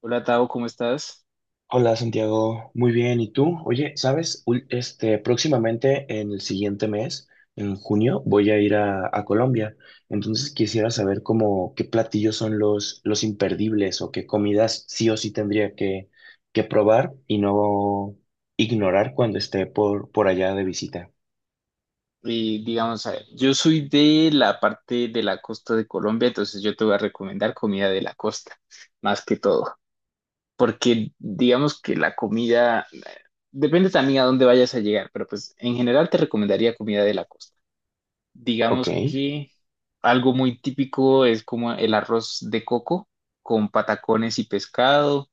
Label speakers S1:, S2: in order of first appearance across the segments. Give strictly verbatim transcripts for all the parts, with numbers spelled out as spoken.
S1: Hola Tao, ¿cómo estás?
S2: Hola Santiago, muy bien. ¿Y tú? Oye, ¿sabes? Ul- Este, próximamente en el siguiente mes, en junio, voy a ir a, a Colombia. Entonces quisiera saber cómo qué platillos son los, los imperdibles o qué comidas sí o sí tendría que, que probar y no ignorar cuando esté por, por allá de visita.
S1: Y digamos, a ver, yo soy de la parte de la costa de Colombia, entonces yo te voy a recomendar comida de la costa, más que todo, porque digamos que la comida, eh, depende también a dónde vayas a llegar, pero pues en general te recomendaría comida de la costa.
S2: Ok,
S1: Digamos que algo muy típico es como el arroz de coco con patacones y pescado.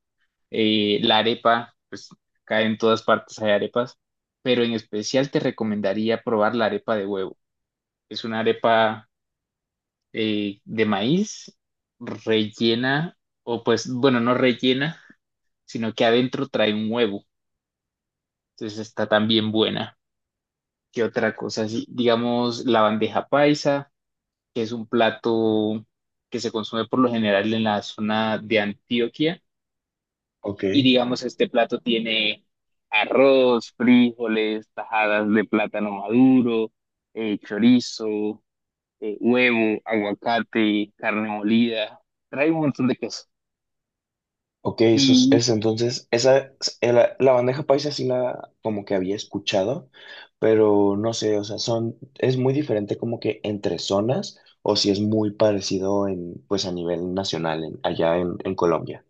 S1: eh, La arepa, pues acá en todas partes hay arepas, pero en especial te recomendaría probar la arepa de huevo. Es una arepa eh, de maíz rellena, o pues, bueno, no rellena, sino que adentro trae un huevo. Entonces está también buena. ¿Qué otra cosa? Así, digamos, la bandeja paisa, que es un plato que se consume por lo general en la zona de Antioquia.
S2: ok.
S1: Y digamos, este plato tiene arroz, frijoles, tajadas de plátano maduro, eh, chorizo, eh, huevo, aguacate, carne molida. Trae un montón de cosas.
S2: Ok, eso es,
S1: Y
S2: es entonces, esa, es- la, la bandeja paisa sí la como que había escuchado, pero no sé, o sea, son, es muy diferente como que entre zonas o si es muy parecido en, pues a nivel nacional, en- allá en, en Colombia.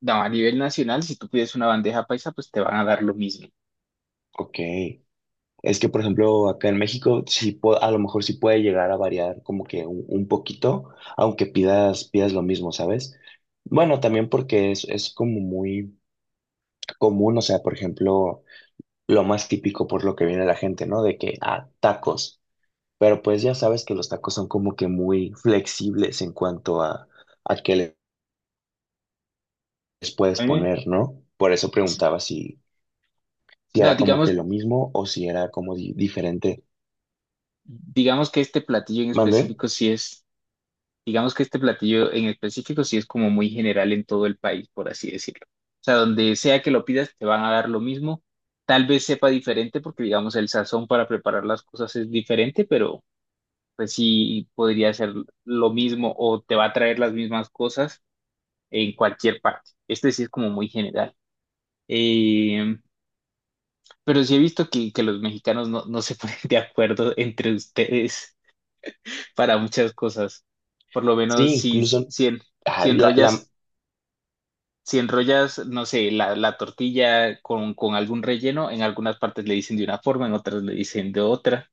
S1: no, a nivel nacional, si tú pides una bandeja paisa, pues te van a dar lo mismo.
S2: Ok, es que por ejemplo acá en México sí po- a lo mejor sí puede llegar a variar como que un, un poquito, aunque pidas, pidas lo mismo, ¿sabes? Bueno, también porque es, es como muy común, o sea, por ejemplo, lo más típico por lo que viene la gente, ¿no? De que, ah, tacos. Pero pues ya sabes que los tacos son como que muy flexibles en cuanto a, a qué le- les
S1: A
S2: puedes
S1: mí me-
S2: poner, ¿no? Por eso preguntaba si, si
S1: No,
S2: era como que
S1: digamos,
S2: lo mismo o si era como di- diferente.
S1: digamos que este platillo en
S2: ¿Mandé?
S1: específico sí es Digamos que este platillo en específico sí es como muy general en todo el país, por así decirlo. O sea, donde sea que lo pidas, te van a dar lo mismo. Tal vez sepa diferente porque, digamos, el sazón para preparar las cosas es diferente, pero pues sí podría ser lo mismo o te va a traer las mismas cosas en cualquier parte. Este sí es como muy general. Eh, pero sí he visto que, que los mexicanos no, no se ponen de acuerdo entre ustedes para muchas cosas. Por lo
S2: Sí,
S1: menos si,
S2: incluso,
S1: si, en- si
S2: ay, la, la-
S1: enrollas si enrollas, no sé, la, la tortilla con, con algún relleno, en algunas partes le dicen de una forma, en otras le dicen de otra.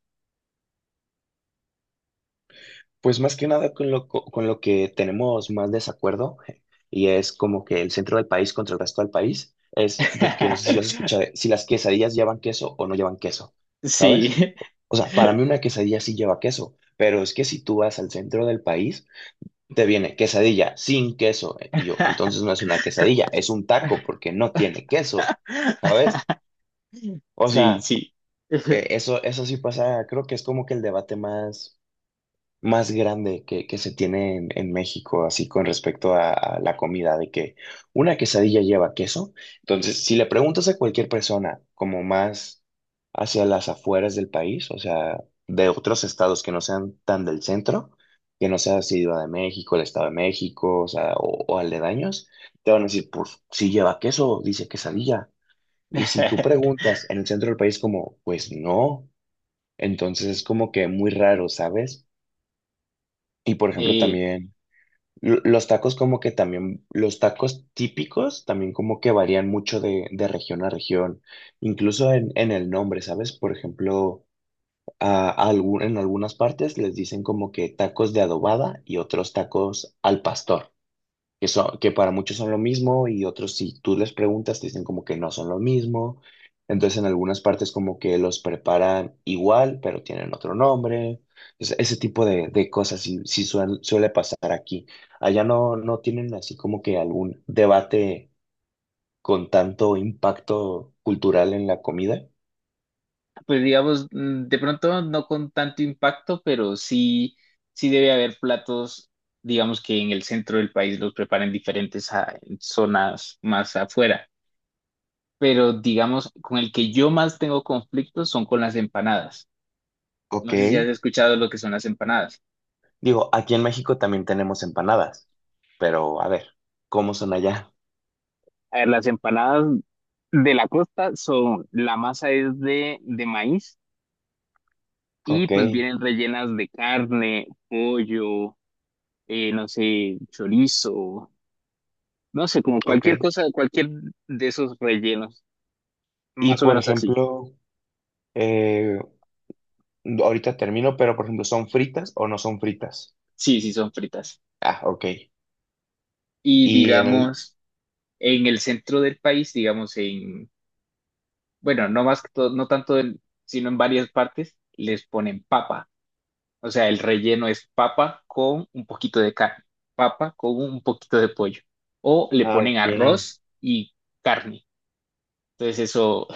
S2: pues más que nada con lo, co- con lo que tenemos más desacuerdo, y es como que el centro del país contra el resto del país, es de que no sé si lo has escuchado, si las quesadillas llevan queso o no llevan queso, ¿sabes?
S1: Sí,
S2: O sea, para mí una quesadilla sí lleva queso, pero es que si tú vas al centro del país, te viene quesadilla sin queso. eh, Y yo, entonces no es una quesadilla, es un taco porque no tiene queso, ¿sabes? O
S1: sí,
S2: sea,
S1: sí.
S2: e- eso, eso sí pasa, creo que es como que el debate más más grande que, que se tiene en, en México, así con respecto a, a la comida, de que una quesadilla lleva queso. Entonces, si le preguntas a cualquier persona, como más hacia las afueras del país, o sea, de otros estados que no sean tan del centro, que no sea Ciudad de México, el Estado de México, o sea, o, o aledaños, te van a decir, pues, si lleva queso, dice quesadilla. Y si tú preguntas en el centro del país como, pues no, entonces es como que muy raro, ¿sabes? Y por ejemplo,
S1: Eh,
S2: también lo- los tacos como que también, los tacos típicos también como que varían mucho de, de región a región, incluso en, en el nombre, ¿sabes? Por ejemplo, a, a algún- en algunas partes les dicen como que tacos de adobada y otros tacos al pastor que, son, que para muchos son lo mismo y otros si tú les preguntas te dicen como que no son lo mismo. Entonces en algunas partes como que los preparan igual, pero tienen otro nombre. Entonces, ese tipo de, de cosas sí, sí suel- suele pasar aquí. Allá no, no tienen así como que algún debate con tanto impacto cultural en la comida.
S1: pues digamos, mm, de pronto no con tanto impacto, pero sí, sí debe haber platos, digamos que en el centro del país los preparan diferentes a en zonas más afuera. Pero digamos, con el que yo más tengo conflictos son con las empanadas.
S2: Ok.
S1: No sé si has escuchado lo que son las empanadas.
S2: Digo, aquí en México también tenemos empanadas, pero a ver, ¿cómo son allá?
S1: A ver, las empanadas de la costa son, la masa es de, de maíz y
S2: Ok,
S1: pues vienen rellenas de carne, pollo, eh, no sé, chorizo, no sé, como
S2: ok.
S1: cualquier cosa, cualquier de esos rellenos,
S2: Y
S1: más o
S2: por
S1: menos así.
S2: ejemplo, ahorita termino, pero por ejemplo, ¿son fritas o no son fritas?
S1: Sí, sí, son fritas.
S2: Ah, ok.
S1: Y
S2: Y en el...
S1: digamos, en el centro del país, digamos en, bueno, no más que todo, no tanto, en- sino en varias partes, les ponen papa. O sea, el relleno es papa con un poquito de carne, papa con un poquito de pollo. O le
S2: Ah,
S1: ponen
S2: ok.
S1: arroz y carne. Entonces eso,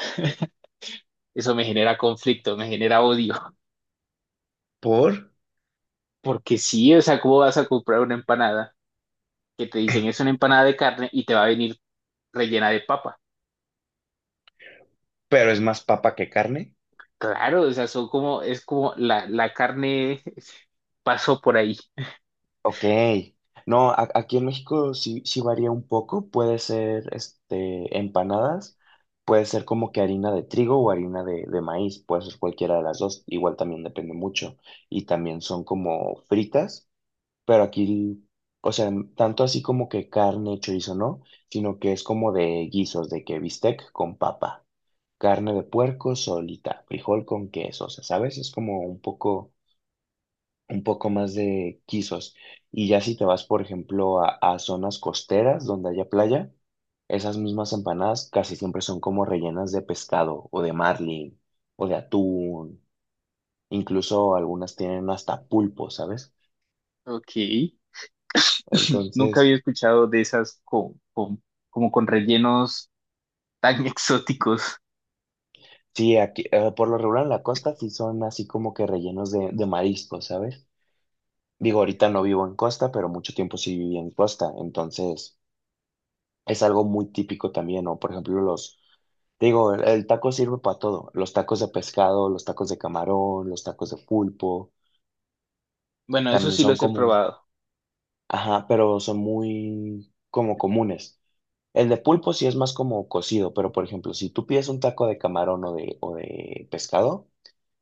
S1: eso me genera conflicto, me genera odio.
S2: ¿Por?
S1: Porque sí, o sea, ¿cómo vas a comprar una empanada que te dicen es una empanada de carne y te va a venir rellena de papa?
S2: Pero es más papa que carne.
S1: Claro, o sea, son como, es como la, la carne pasó por ahí.
S2: Ok. No, a- aquí en México sí, sí varía un poco. Puede ser este, empanadas, puede ser como que harina de trigo o harina de, de maíz. Puede ser cualquiera de las dos. Igual también depende mucho. Y también son como fritas. Pero aquí, o sea, tanto así como que carne, chorizo, no, sino que es como de guisos, de que bistec con papa, carne de puerco solita, frijol con queso, o sea, ¿sabes? Es como un poco, un poco más de guisos. Y ya si te vas, por ejemplo, a, a zonas costeras donde haya playa, esas mismas empanadas casi siempre son como rellenas de pescado o de marlin o de atún, incluso algunas tienen hasta pulpo, ¿sabes?
S1: Ok. Nunca
S2: Entonces,
S1: había escuchado de esas con, con, como con rellenos tan exóticos.
S2: sí, aquí, eh, por lo regular en la costa sí son así como que rellenos de, de mariscos, ¿sabes? Digo, ahorita no vivo en costa, pero mucho tiempo sí viví en costa, entonces es algo muy típico también, ¿no? Por ejemplo, los, te digo, el, el taco sirve para todo, los tacos de pescado, los tacos de camarón, los tacos de pulpo,
S1: Bueno, eso
S2: también
S1: sí
S2: son
S1: los he
S2: como,
S1: probado.
S2: ajá, pero son muy como comunes. El de pulpo sí es más como cocido, pero por ejemplo, si tú pides un taco de camarón o de, o de pescado,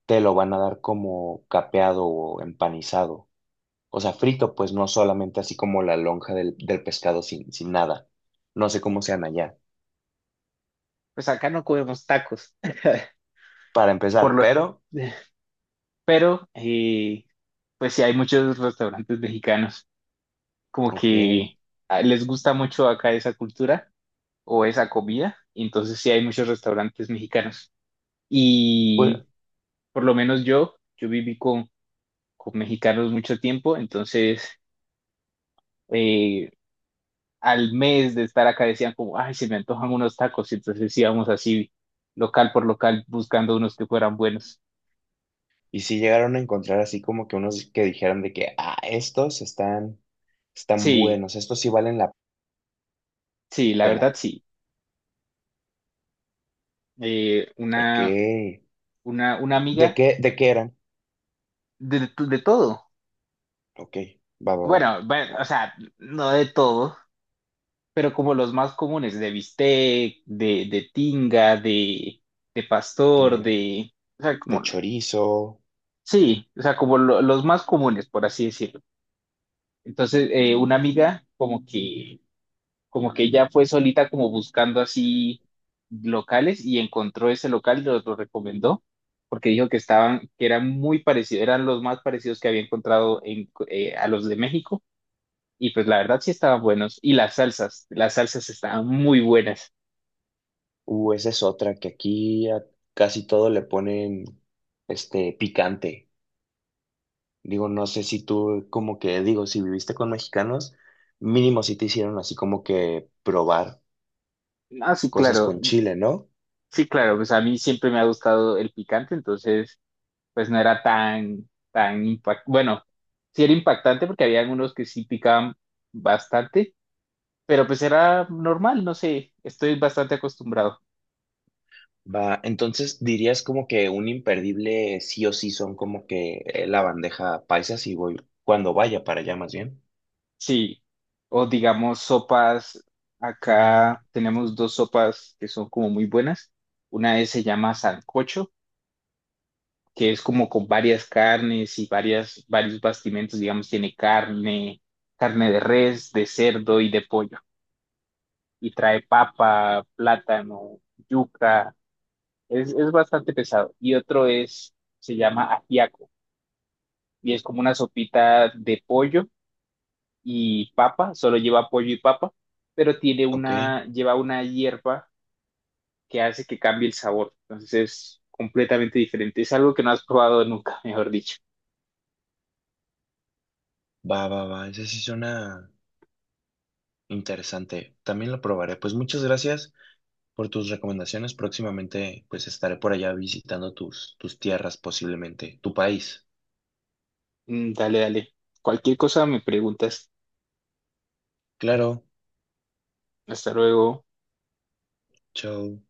S2: te lo van a dar como capeado o empanizado. O sea, frito, pues no solamente así como la lonja del, del pescado sin, sin nada. No sé cómo sean allá,
S1: Pues acá no comemos tacos.
S2: para
S1: Por
S2: empezar,
S1: lo...
S2: pero,
S1: Pero, eh, pues sí, hay muchos restaurantes mexicanos como
S2: ok,
S1: que ah, les gusta mucho acá esa cultura o esa comida. y Entonces sí hay muchos restaurantes mexicanos.
S2: pues,
S1: Y por lo menos yo, yo viví con, con mexicanos mucho tiempo, entonces eh, al mes de estar acá decían como, ay, se me antojan unos tacos. Y entonces íbamos así local por local buscando unos que fueran buenos.
S2: y si llegaron a encontrar así como que unos que dijeran de que, ah, estos están, están
S1: Sí,
S2: buenos, estos sí valen la
S1: sí, la verdad
S2: pena.
S1: sí. Eh,
S2: Ok,
S1: una,
S2: ¿de
S1: una, una amiga
S2: qué, ¿de qué eran?
S1: de, de todo.
S2: Ok, va, va, va.
S1: Bueno, bueno, o
S2: Ah,
S1: sea, no de todo, pero como los más comunes, de bistec, de, de tinga, de, de pastor,
S2: tinga.
S1: de... O sea,
S2: De
S1: como...
S2: chorizo,
S1: Sí, o sea, como lo- los más comunes, por así decirlo. Entonces, eh, una amiga como que como que ella fue solita como buscando así locales y encontró ese local, y los lo recomendó, porque dijo que estaban, que eran muy parecidos, eran los más parecidos que había encontrado en, eh, a los de México, y pues la verdad sí estaban buenos, y las salsas, las salsas estaban muy buenas.
S2: uh, esa es otra, que aquí a casi todo le ponen este picante. Digo, no sé si tú, como que, digo, si viviste con mexicanos, mínimo si te hicieron así como que probar
S1: Ah, sí,
S2: cosas
S1: claro,
S2: con chile, ¿no?
S1: sí, claro, pues a mí siempre me ha gustado el picante, entonces pues no era tan, tan impactante, bueno, sí era impactante porque había algunos que sí picaban bastante, pero pues era normal, no sé, estoy bastante acostumbrado.
S2: Va, entonces dirías como que un imperdible sí o sí son como que eh, la bandeja paisa si voy, cuando vaya para allá más bien.
S1: Sí, o digamos sopas, acá tenemos dos sopas que son como muy buenas. Una es, se llama sancocho, que es como con varias carnes y varias, varios bastimentos, digamos, tiene carne, carne de res, de cerdo y de pollo. Y trae papa, plátano, yuca, es, es bastante pesado. Y otro es, se llama ajiaco, y es como una sopita de pollo y papa, solo lleva pollo y papa, pero tiene
S2: Ok,
S1: una, lleva una hierba que hace que cambie el sabor. Entonces es completamente diferente. Es algo que no has probado nunca, mejor dicho.
S2: va, va, va, ese sí suena interesante. También lo probaré. Pues muchas gracias por tus recomendaciones. Próximamente, pues estaré por allá visitando tus, tus tierras, posiblemente tu país.
S1: Mm, dale, dale. Cualquier cosa me preguntas.
S2: Claro,
S1: Hasta luego.
S2: chao.